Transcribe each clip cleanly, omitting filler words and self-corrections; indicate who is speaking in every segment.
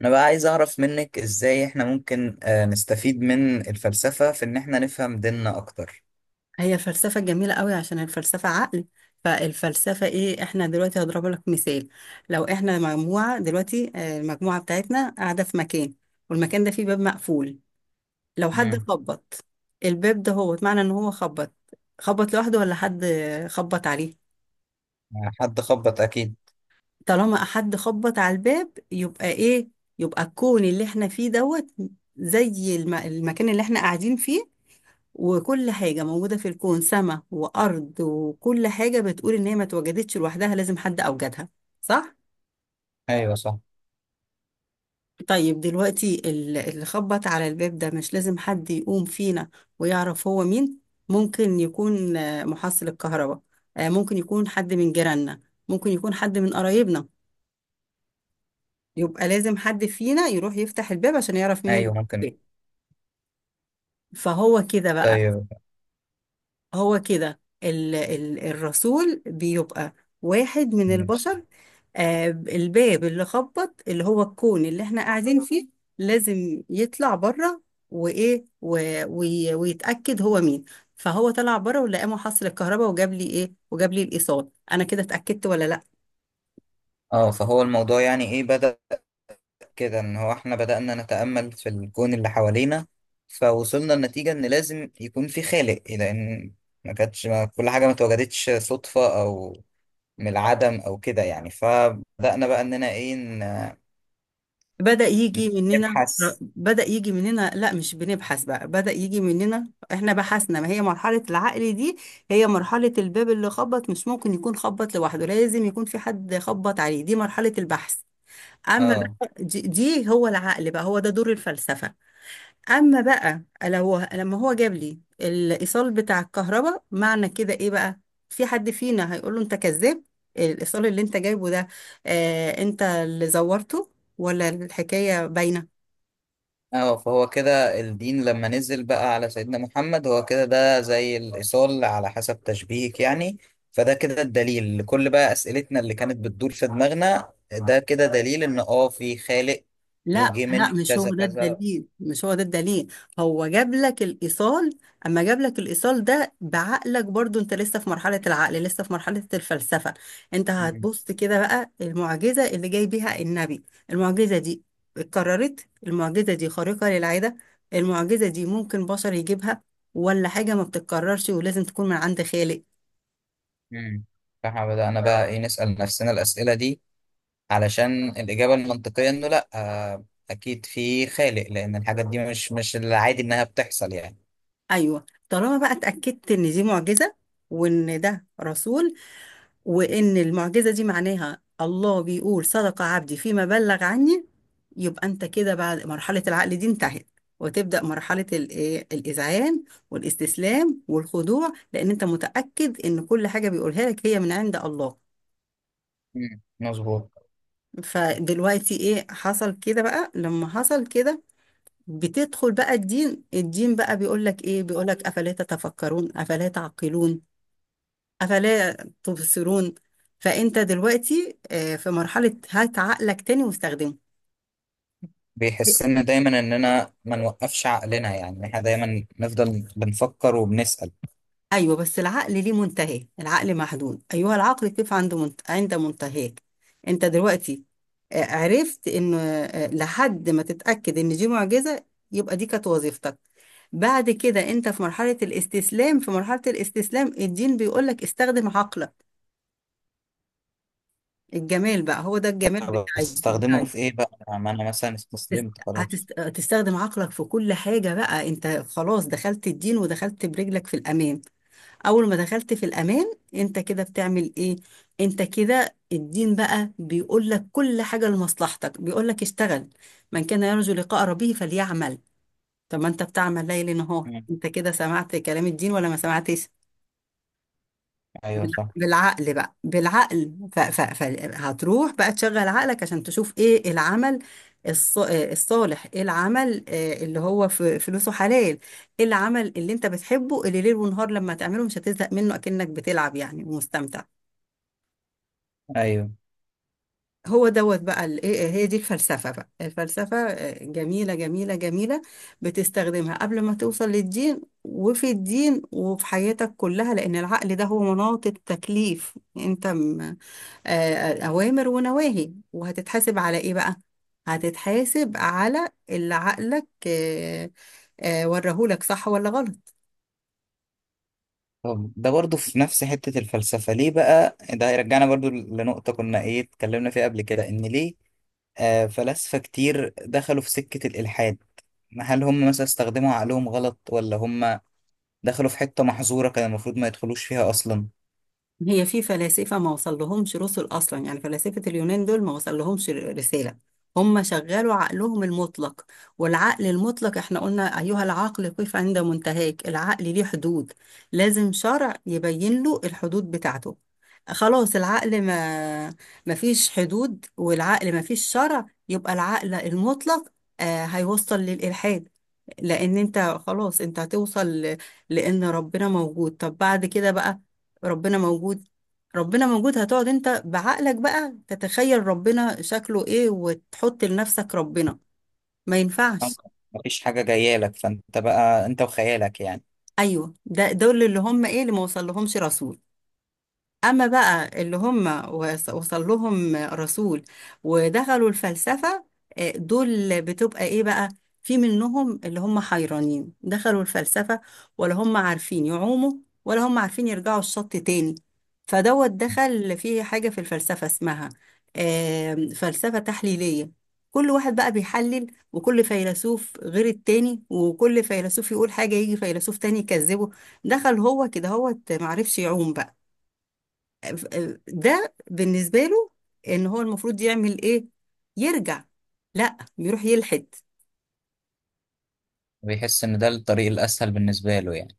Speaker 1: انا بقى عايز اعرف منك ازاي احنا ممكن نستفيد من الفلسفة في ان احنا نفهم ديننا اكتر.
Speaker 2: هي الفلسفة جميلة قوي عشان الفلسفة عقل. فالفلسفة ايه، احنا دلوقتي هضرب لك مثال. لو احنا مجموعة دلوقتي المجموعة بتاعتنا قاعدة في مكان، والمكان ده فيه باب مقفول. لو حد
Speaker 1: مم.
Speaker 2: خبط الباب ده، هو معنى ان هو خبط خبط لوحده ولا حد خبط عليه؟
Speaker 1: حد خبط اكيد.
Speaker 2: طالما حد خبط على الباب يبقى ايه؟ يبقى الكون اللي احنا فيه دوت زي المكان اللي احنا قاعدين فيه. وكل حاجة موجودة في الكون، سماء وأرض، وكل حاجة بتقول إن هي ما اتوجدتش لوحدها، لازم حد أوجدها. صح؟
Speaker 1: ايوه صح.
Speaker 2: طيب دلوقتي اللي خبط على الباب ده، مش لازم حد يقوم فينا ويعرف هو مين؟ ممكن يكون محصل الكهرباء، ممكن يكون حد من جيراننا، ممكن يكون حد من قرايبنا. يبقى لازم حد فينا يروح يفتح الباب عشان يعرف مين اللي
Speaker 1: ايوه
Speaker 2: في
Speaker 1: ممكن.
Speaker 2: البيت. فهو كده بقى،
Speaker 1: طيب.
Speaker 2: هو كده ال الرسول بيبقى واحد من
Speaker 1: ماشي.
Speaker 2: البشر. آه الباب اللي خبط، اللي هو الكون اللي احنا قاعدين فيه، لازم يطلع بره وايه ويتأكد هو مين. فهو طلع بره ولقى محصل الكهرباء وجاب لي ايه، وجاب لي الايصال. انا كده اتأكدت ولا لا؟
Speaker 1: اه، فهو الموضوع يعني ايه بدأ كده ان هو احنا بدأنا نتأمل في الكون اللي حوالينا، فوصلنا لنتيجة ان لازم يكون في خالق لان ما كل حاجة ما اتوجدتش صدفة او من العدم او كده يعني، فبدأنا بقى اننا
Speaker 2: بدأ يجي مننا.
Speaker 1: نبحث.
Speaker 2: بدأ يجي مننا، لا مش بنبحث بقى، بدأ يجي مننا احنا بحثنا. ما هي مرحلة العقل دي؟ هي مرحلة الباب اللي خبط، مش ممكن يكون خبط لوحده، لازم يكون في حد خبط عليه. دي مرحلة البحث. أما
Speaker 1: اه.
Speaker 2: بقى دي هو العقل بقى، هو ده دور الفلسفة. اما بقى لو لما هو جاب لي الايصال بتاع الكهرباء، معنى كده ايه بقى؟ في حد فينا هيقول له انت كذاب، الايصال اللي انت جايبه ده، آه انت اللي زورته، ولا الحكايه باينه؟
Speaker 1: اه، فهو كده الدين لما نزل بقى على سيدنا محمد هو كده ده زي الإيصال على حسب تشبيهك يعني. فده كده الدليل لكل بقى أسئلتنا اللي كانت بتدور في دماغنا، ده كده دليل إن في خالق.
Speaker 2: لا
Speaker 1: وجه
Speaker 2: لا
Speaker 1: من
Speaker 2: مش
Speaker 1: كذا
Speaker 2: هو ده
Speaker 1: كذا.
Speaker 2: الدليل، هو جاب لك الإيصال. أما جاب لك الإيصال ده بعقلك برضو، أنت لسه في مرحلة العقل، لسه في مرحلة الفلسفة. أنت
Speaker 1: مم.
Speaker 2: هتبص كده بقى، المعجزة اللي جاي بيها النبي، المعجزة دي اتكررت؟ المعجزة دي خارقة للعادة؟ المعجزة دي ممكن بشر يجيبها، ولا حاجة ما بتتكررش ولازم تكون من عند خالق؟
Speaker 1: مم. فاحنا بدأنا بقى نسأل نفسنا الأسئلة دي علشان الإجابة المنطقية إنه لأ، أكيد في خالق لأن الحاجات دي مش العادي إنها بتحصل يعني.
Speaker 2: أيوه، طالما بقى اتأكدت إن دي معجزة، وإن ده رسول، وإن المعجزة دي معناها الله بيقول صدق عبدي فيما بلغ عني، يبقى أنت كده بعد مرحلة العقل دي انتهت، وتبدأ مرحلة ال- إيه، الإذعان والاستسلام والخضوع، لأن أنت متأكد إن كل حاجة بيقولها لك هي من عند الله.
Speaker 1: مم. مظبوط.
Speaker 2: فدلوقتي إيه حصل كده بقى؟ لما حصل كده بتدخل بقى الدين. الدين بقى بيقول لك إيه؟ بيقول لك أفلا تتفكرون، أفلا تعقلون، أفلا تبصرون. فأنت دلوقتي في مرحلة هات عقلك تاني واستخدمه.
Speaker 1: بيحسنا دايما اننا ما نوقفش عقلنا، يعني احنا دايما نفضل بنفكر وبنسأل.
Speaker 2: أيوه بس العقل ليه منتهى، العقل محدود، أيها العقل كيف عنده عند منتهاك. أنت دلوقتي عرفت إن لحد ما تتأكد إن دي معجزة، يبقى دي كانت وظيفتك. بعد كده أنت في مرحلة الاستسلام، في مرحلة الاستسلام الدين بيقولك استخدم عقلك. الجمال بقى هو ده الجمال
Speaker 1: طب
Speaker 2: بتاع
Speaker 1: بستخدمه في ايه بقى؟ ما انا مثلا
Speaker 2: تست-
Speaker 1: استسلمت خلاص.
Speaker 2: تستخدم عقلك في كل حاجة بقى. انت خلاص دخلت الدين ودخلت برجلك في الأمان. أول ما دخلت في الأمان انت كده بتعمل ايه؟ انت كده الدين بقى بيقول لك كل حاجة لمصلحتك، بيقول لك اشتغل. من كان يرجو لقاء ربه فليعمل. طب ما انت بتعمل ليل نهار،
Speaker 1: مم.
Speaker 2: انت كده سمعت كلام الدين ولا ما سمعتش؟
Speaker 1: ايوه صح.
Speaker 2: بالعقل بقى، بالعقل فهتروح بقى تشغل عقلك عشان تشوف ايه العمل الصالح. ايه العمل اللي هو فلوسه حلال؟ ايه العمل اللي انت بتحبه اللي ليل ونهار لما تعمله مش هتزهق منه، اكنك بتلعب يعني ومستمتع.
Speaker 1: ايوه.
Speaker 2: هو دوت بقى هي دي الفلسفة بقى. الفلسفة جميلة جميلة جميلة. بتستخدمها قبل ما توصل للدين، وفي الدين، وفي حياتك كلها، لأن العقل ده هو مناط التكليف. انت أوامر ونواهي. وهتتحاسب على إيه بقى؟ هتتحاسب على اللي عقلك ورهولك صح ولا غلط.
Speaker 1: طب ده برضو في نفس حتة الفلسفة ليه بقى؟ ده يرجعنا برضو لنقطة كنا اتكلمنا فيها قبل كده، ان ليه فلاسفة كتير دخلوا في سكة الإلحاد؟ هل هم مثلا استخدموا عقلهم غلط، ولا هم دخلوا في حتة محظورة كان المفروض ما يدخلوش فيها أصلا؟
Speaker 2: هي في فلاسفة ما وصلهمش رسل أصلا، يعني فلاسفة اليونان دول ما وصلهمش رسالة. هم شغلوا عقلهم المطلق، والعقل المطلق احنا قلنا أيها العقل قف عند منتهاك. العقل ليه حدود، لازم شرع يبين له الحدود بتاعته. خلاص العقل ما فيش حدود، والعقل ما فيش شرع، يبقى العقل المطلق هيوصل للإلحاد. لان انت خلاص انت هتوصل لان ربنا موجود. طب بعد كده بقى ربنا موجود، هتقعد انت بعقلك بقى تتخيل ربنا شكله ايه وتحط لنفسك ربنا. ما ينفعش.
Speaker 1: مفيش حاجة جاية لك، فانت بقى انت وخيالك يعني.
Speaker 2: ايوه ده دول اللي هم ايه اللي ما وصل لهمش رسول. أما بقى اللي هم وصل لهم رسول ودخلوا الفلسفة، دول بتبقى إيه بقى؟ في منهم اللي هم حيرانين، دخلوا الفلسفة ولا هم عارفين يعوموا ولا هم عارفين يرجعوا الشط تاني. فدوت دخل في حاجة في الفلسفة اسمها فلسفة تحليلية. كل واحد بقى بيحلل، وكل فيلسوف غير التاني، وكل فيلسوف يقول حاجة يجي فيلسوف تاني يكذبه. دخل هو كده، هو معرفش يعوم بقى، ده بالنسبة له ان هو المفروض يعمل ايه؟ يرجع؟ لا، بيروح يلحد.
Speaker 1: بيحس ان ده الطريق الاسهل بالنسبة له يعني.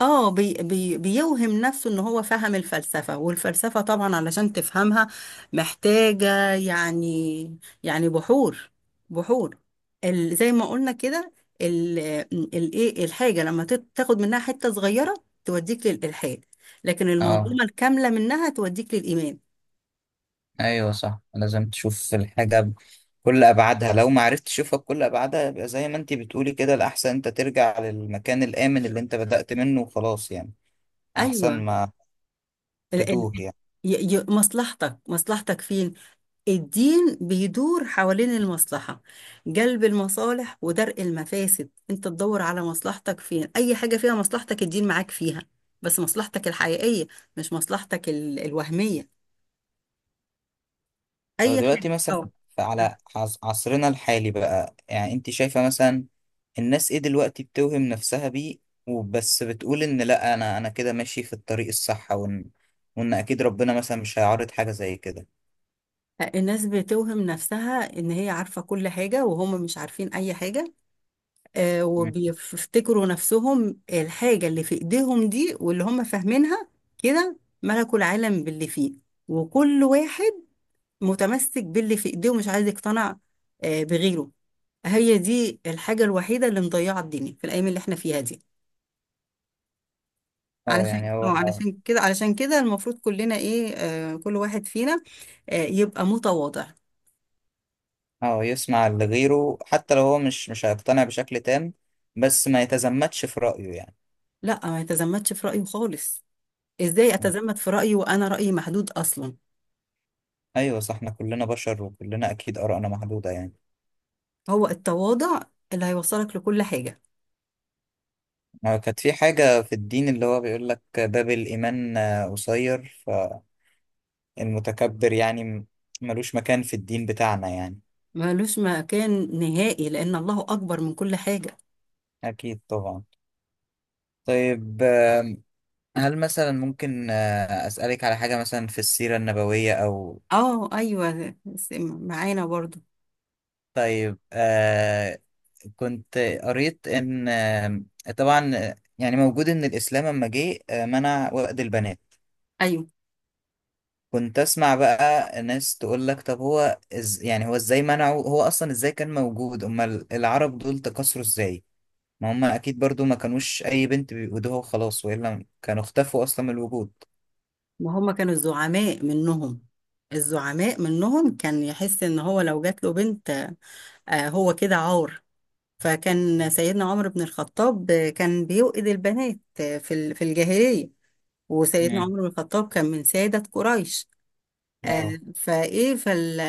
Speaker 2: اه بي بي بيوهم نفسه ان هو فهم الفلسفة. والفلسفة طبعا علشان تفهمها محتاجة يعني، يعني بحور بحور. ال زي ما قلنا كده، ال- الايه الحاجة لما تاخد منها حتة صغيرة توديك للإلحاد، لكن
Speaker 1: اه،
Speaker 2: المنظومة الكاملة منها توديك للإيمان.
Speaker 1: ايوه صح، لازم تشوف الحاجة بكل ابعادها. لو ما عرفتش تشوفها بكل ابعادها يبقى زي ما انت بتقولي كده الاحسن انت ترجع للمكان الامن اللي انت بدأت منه وخلاص يعني.
Speaker 2: ايوه
Speaker 1: احسن ما
Speaker 2: ال- ال-
Speaker 1: تتوه يعني.
Speaker 2: مصلحتك فين؟ الدين بيدور حوالين المصلحة، جلب المصالح ودرء المفاسد. انت تدور على مصلحتك فين، اي حاجة فيها مصلحتك الدين معاك فيها، بس مصلحتك الحقيقية، مش مصلحتك الوهمية.
Speaker 1: لو
Speaker 2: اي
Speaker 1: دلوقتي
Speaker 2: حاجة
Speaker 1: مثلا
Speaker 2: اه.
Speaker 1: على عصرنا الحالي بقى، يعني انت شايفة مثلا الناس ايه دلوقتي بتوهم نفسها بيه؟ وبس بتقول ان لا، انا كده ماشي في الطريق الصح، وان اكيد ربنا مثلا مش هيعرض حاجة زي كده.
Speaker 2: الناس بتوهم نفسها ان هي عارفة كل حاجة، وهم مش عارفين اي حاجة.
Speaker 1: مم.
Speaker 2: وبيفتكروا نفسهم الحاجة اللي في ايديهم دي واللي هم فاهمينها كده ملكوا العالم باللي فيه. وكل واحد متمسك باللي في ايديه ومش عايز يقتنع بغيره. هي دي الحاجة الوحيدة اللي مضيعة الدنيا في الأيام اللي احنا فيها دي.
Speaker 1: اه، يعني هو
Speaker 2: علشان كده المفروض كلنا ايه، آه كل واحد فينا يبقى متواضع.
Speaker 1: اه، يسمع لغيره حتى لو هو مش هيقتنع بشكل تام، بس ما يتزمتش في رأيه يعني.
Speaker 2: لا ما يتزمتش في رأيه خالص. ازاي
Speaker 1: مم.
Speaker 2: اتزمت في رأيي وانا رأيي محدود اصلا؟
Speaker 1: ايوه صح، احنا كلنا بشر وكلنا اكيد آرائنا محدودة يعني.
Speaker 2: هو التواضع اللي هيوصلك لكل حاجة.
Speaker 1: كانت في حاجة في الدين اللي هو بيقول لك باب الإيمان قصير. فالمتكبر يعني ملوش مكان في الدين بتاعنا يعني.
Speaker 2: ملوش مكان نهائي لأن الله أكبر من كل حاجة.
Speaker 1: أكيد طبعا. طيب، هل مثلا ممكن أسألك على حاجة مثلا في السيرة النبوية أو...
Speaker 2: اه أيوة معانا برضو.
Speaker 1: طيب، كنت قريت إن طبعا يعني موجود إن الإسلام لما جه منع وأد البنات.
Speaker 2: أيوة
Speaker 1: كنت اسمع بقى ناس تقول لك، طب هو يعني هو ازاي منعه؟ هو اصلا ازاي كان موجود؟ امال العرب دول تكاثروا ازاي؟ ما هم اكيد برضو ما كانوش اي بنت بيودوها وخلاص، والا كانوا اختفوا اصلا من الوجود.
Speaker 2: ما هما كانوا الزعماء منهم، كان يحس إن هو لو جات له بنت هو كده عار. فكان سيدنا عمر بن الخطاب كان بيوئد البنات في في الجاهلية، وسيدنا
Speaker 1: مم.
Speaker 2: عمر بن الخطاب كان من سادة قريش. آه،
Speaker 1: اه،
Speaker 2: فايه فال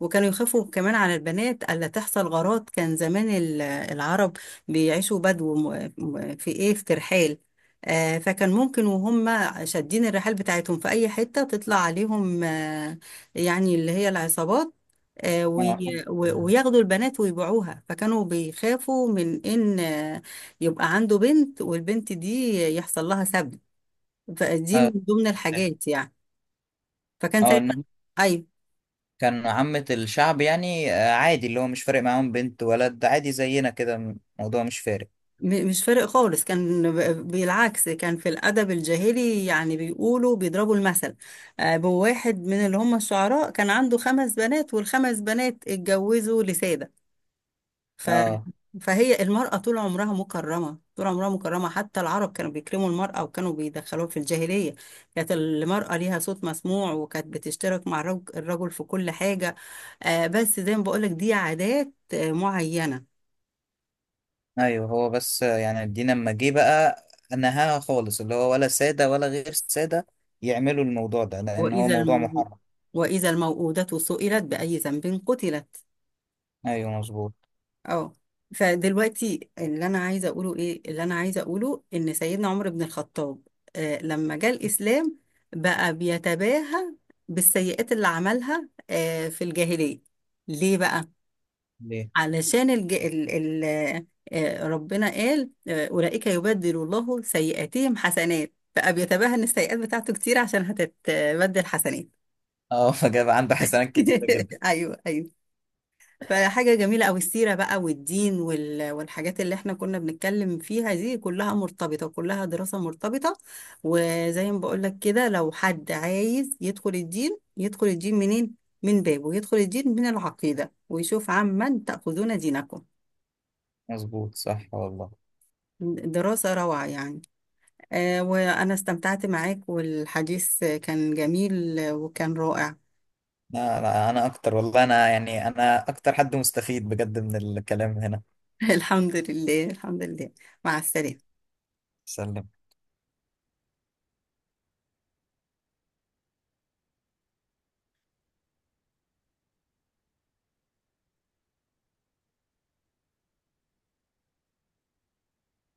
Speaker 2: وكانوا يخافوا كمان على البنات الا تحصل غارات. كان زمان العرب بيعيشوا بدو في ايه، في ترحال. فكان ممكن وهم شادين الرحال بتاعتهم في اي حته تطلع عليهم، يعني اللي هي العصابات،
Speaker 1: اه،
Speaker 2: وياخدوا البنات ويبيعوها. فكانوا بيخافوا من ان يبقى عنده بنت والبنت دي يحصل لها سبي. فدي
Speaker 1: اه،
Speaker 2: من ضمن الحاجات يعني. فكان
Speaker 1: اه،
Speaker 2: سيدنا
Speaker 1: انما
Speaker 2: اي
Speaker 1: كان عامة الشعب يعني عادي، اللي هو مش فارق معاهم بنت ولد، عادي زينا كده، الموضوع مش فارق.
Speaker 2: مش فارق خالص. كان بالعكس، كان في الأدب الجاهلي يعني بيقولوا بيضربوا المثل بواحد من اللي هم الشعراء كان عنده خمس بنات والخمس بنات اتجوزوا لسادة. ف...
Speaker 1: اه
Speaker 2: فهي المرأة طول عمرها مكرمة، طول عمرها مكرمة، حتى العرب كانوا بيكرموا المرأة وكانوا بيدخلوها في الجاهلية. كانت المرأة ليها صوت مسموع وكانت بتشترك مع الرجل في كل حاجة. بس زي ما بقولك دي عادات معينة.
Speaker 1: ايوه، هو بس يعني الدين لما جه بقى نهاها خالص، اللي هو ولا سادة ولا غير سادة يعملوا الموضوع ده، لان هو
Speaker 2: وإذا
Speaker 1: موضوع
Speaker 2: الم...
Speaker 1: محرم.
Speaker 2: وإذا الموءودة سئلت بأي ذنب قتلت.
Speaker 1: ايوه مظبوط.
Speaker 2: اه فدلوقتي اللي أنا عايزة أقوله إيه، اللي أنا عايزة أقوله إن سيدنا عمر بن الخطاب لما جاء الإسلام بقى بيتباهى بالسيئات اللي عملها في الجاهلية. ليه بقى؟
Speaker 1: ليه؟
Speaker 2: علشان الج... ال... ال... آه ربنا قال أولئك يبدل الله سيئاتهم حسنات، بقى بيتباهى إن السيئات بتاعته كتير عشان هتتبدل حسنات.
Speaker 1: اه فجاب عنده حسنات كتيرة جدا.
Speaker 2: ايوه ايوه. فحاجة جميلة أوي السيرة بقى، والدين والحاجات اللي احنا كنا بنتكلم فيها دي كلها مرتبطة، كلها دراسة مرتبطة. وزي ما بقولك كده، لو حد عايز يدخل الدين يدخل الدين منين؟ من بابه، يدخل الدين من العقيدة ويشوف عمن تأخذون دينكم.
Speaker 1: مظبوط صح والله.
Speaker 2: دراسة روعة يعني. آه وأنا استمتعت معاك والحديث كان جميل وكان رائع.
Speaker 1: لا، لا، انا اكتر والله، انا يعني انا اكتر حد مستفيد بجد من الكلام هنا.
Speaker 2: الحمد لله الحمد لله. مع السلامة.
Speaker 1: سلم.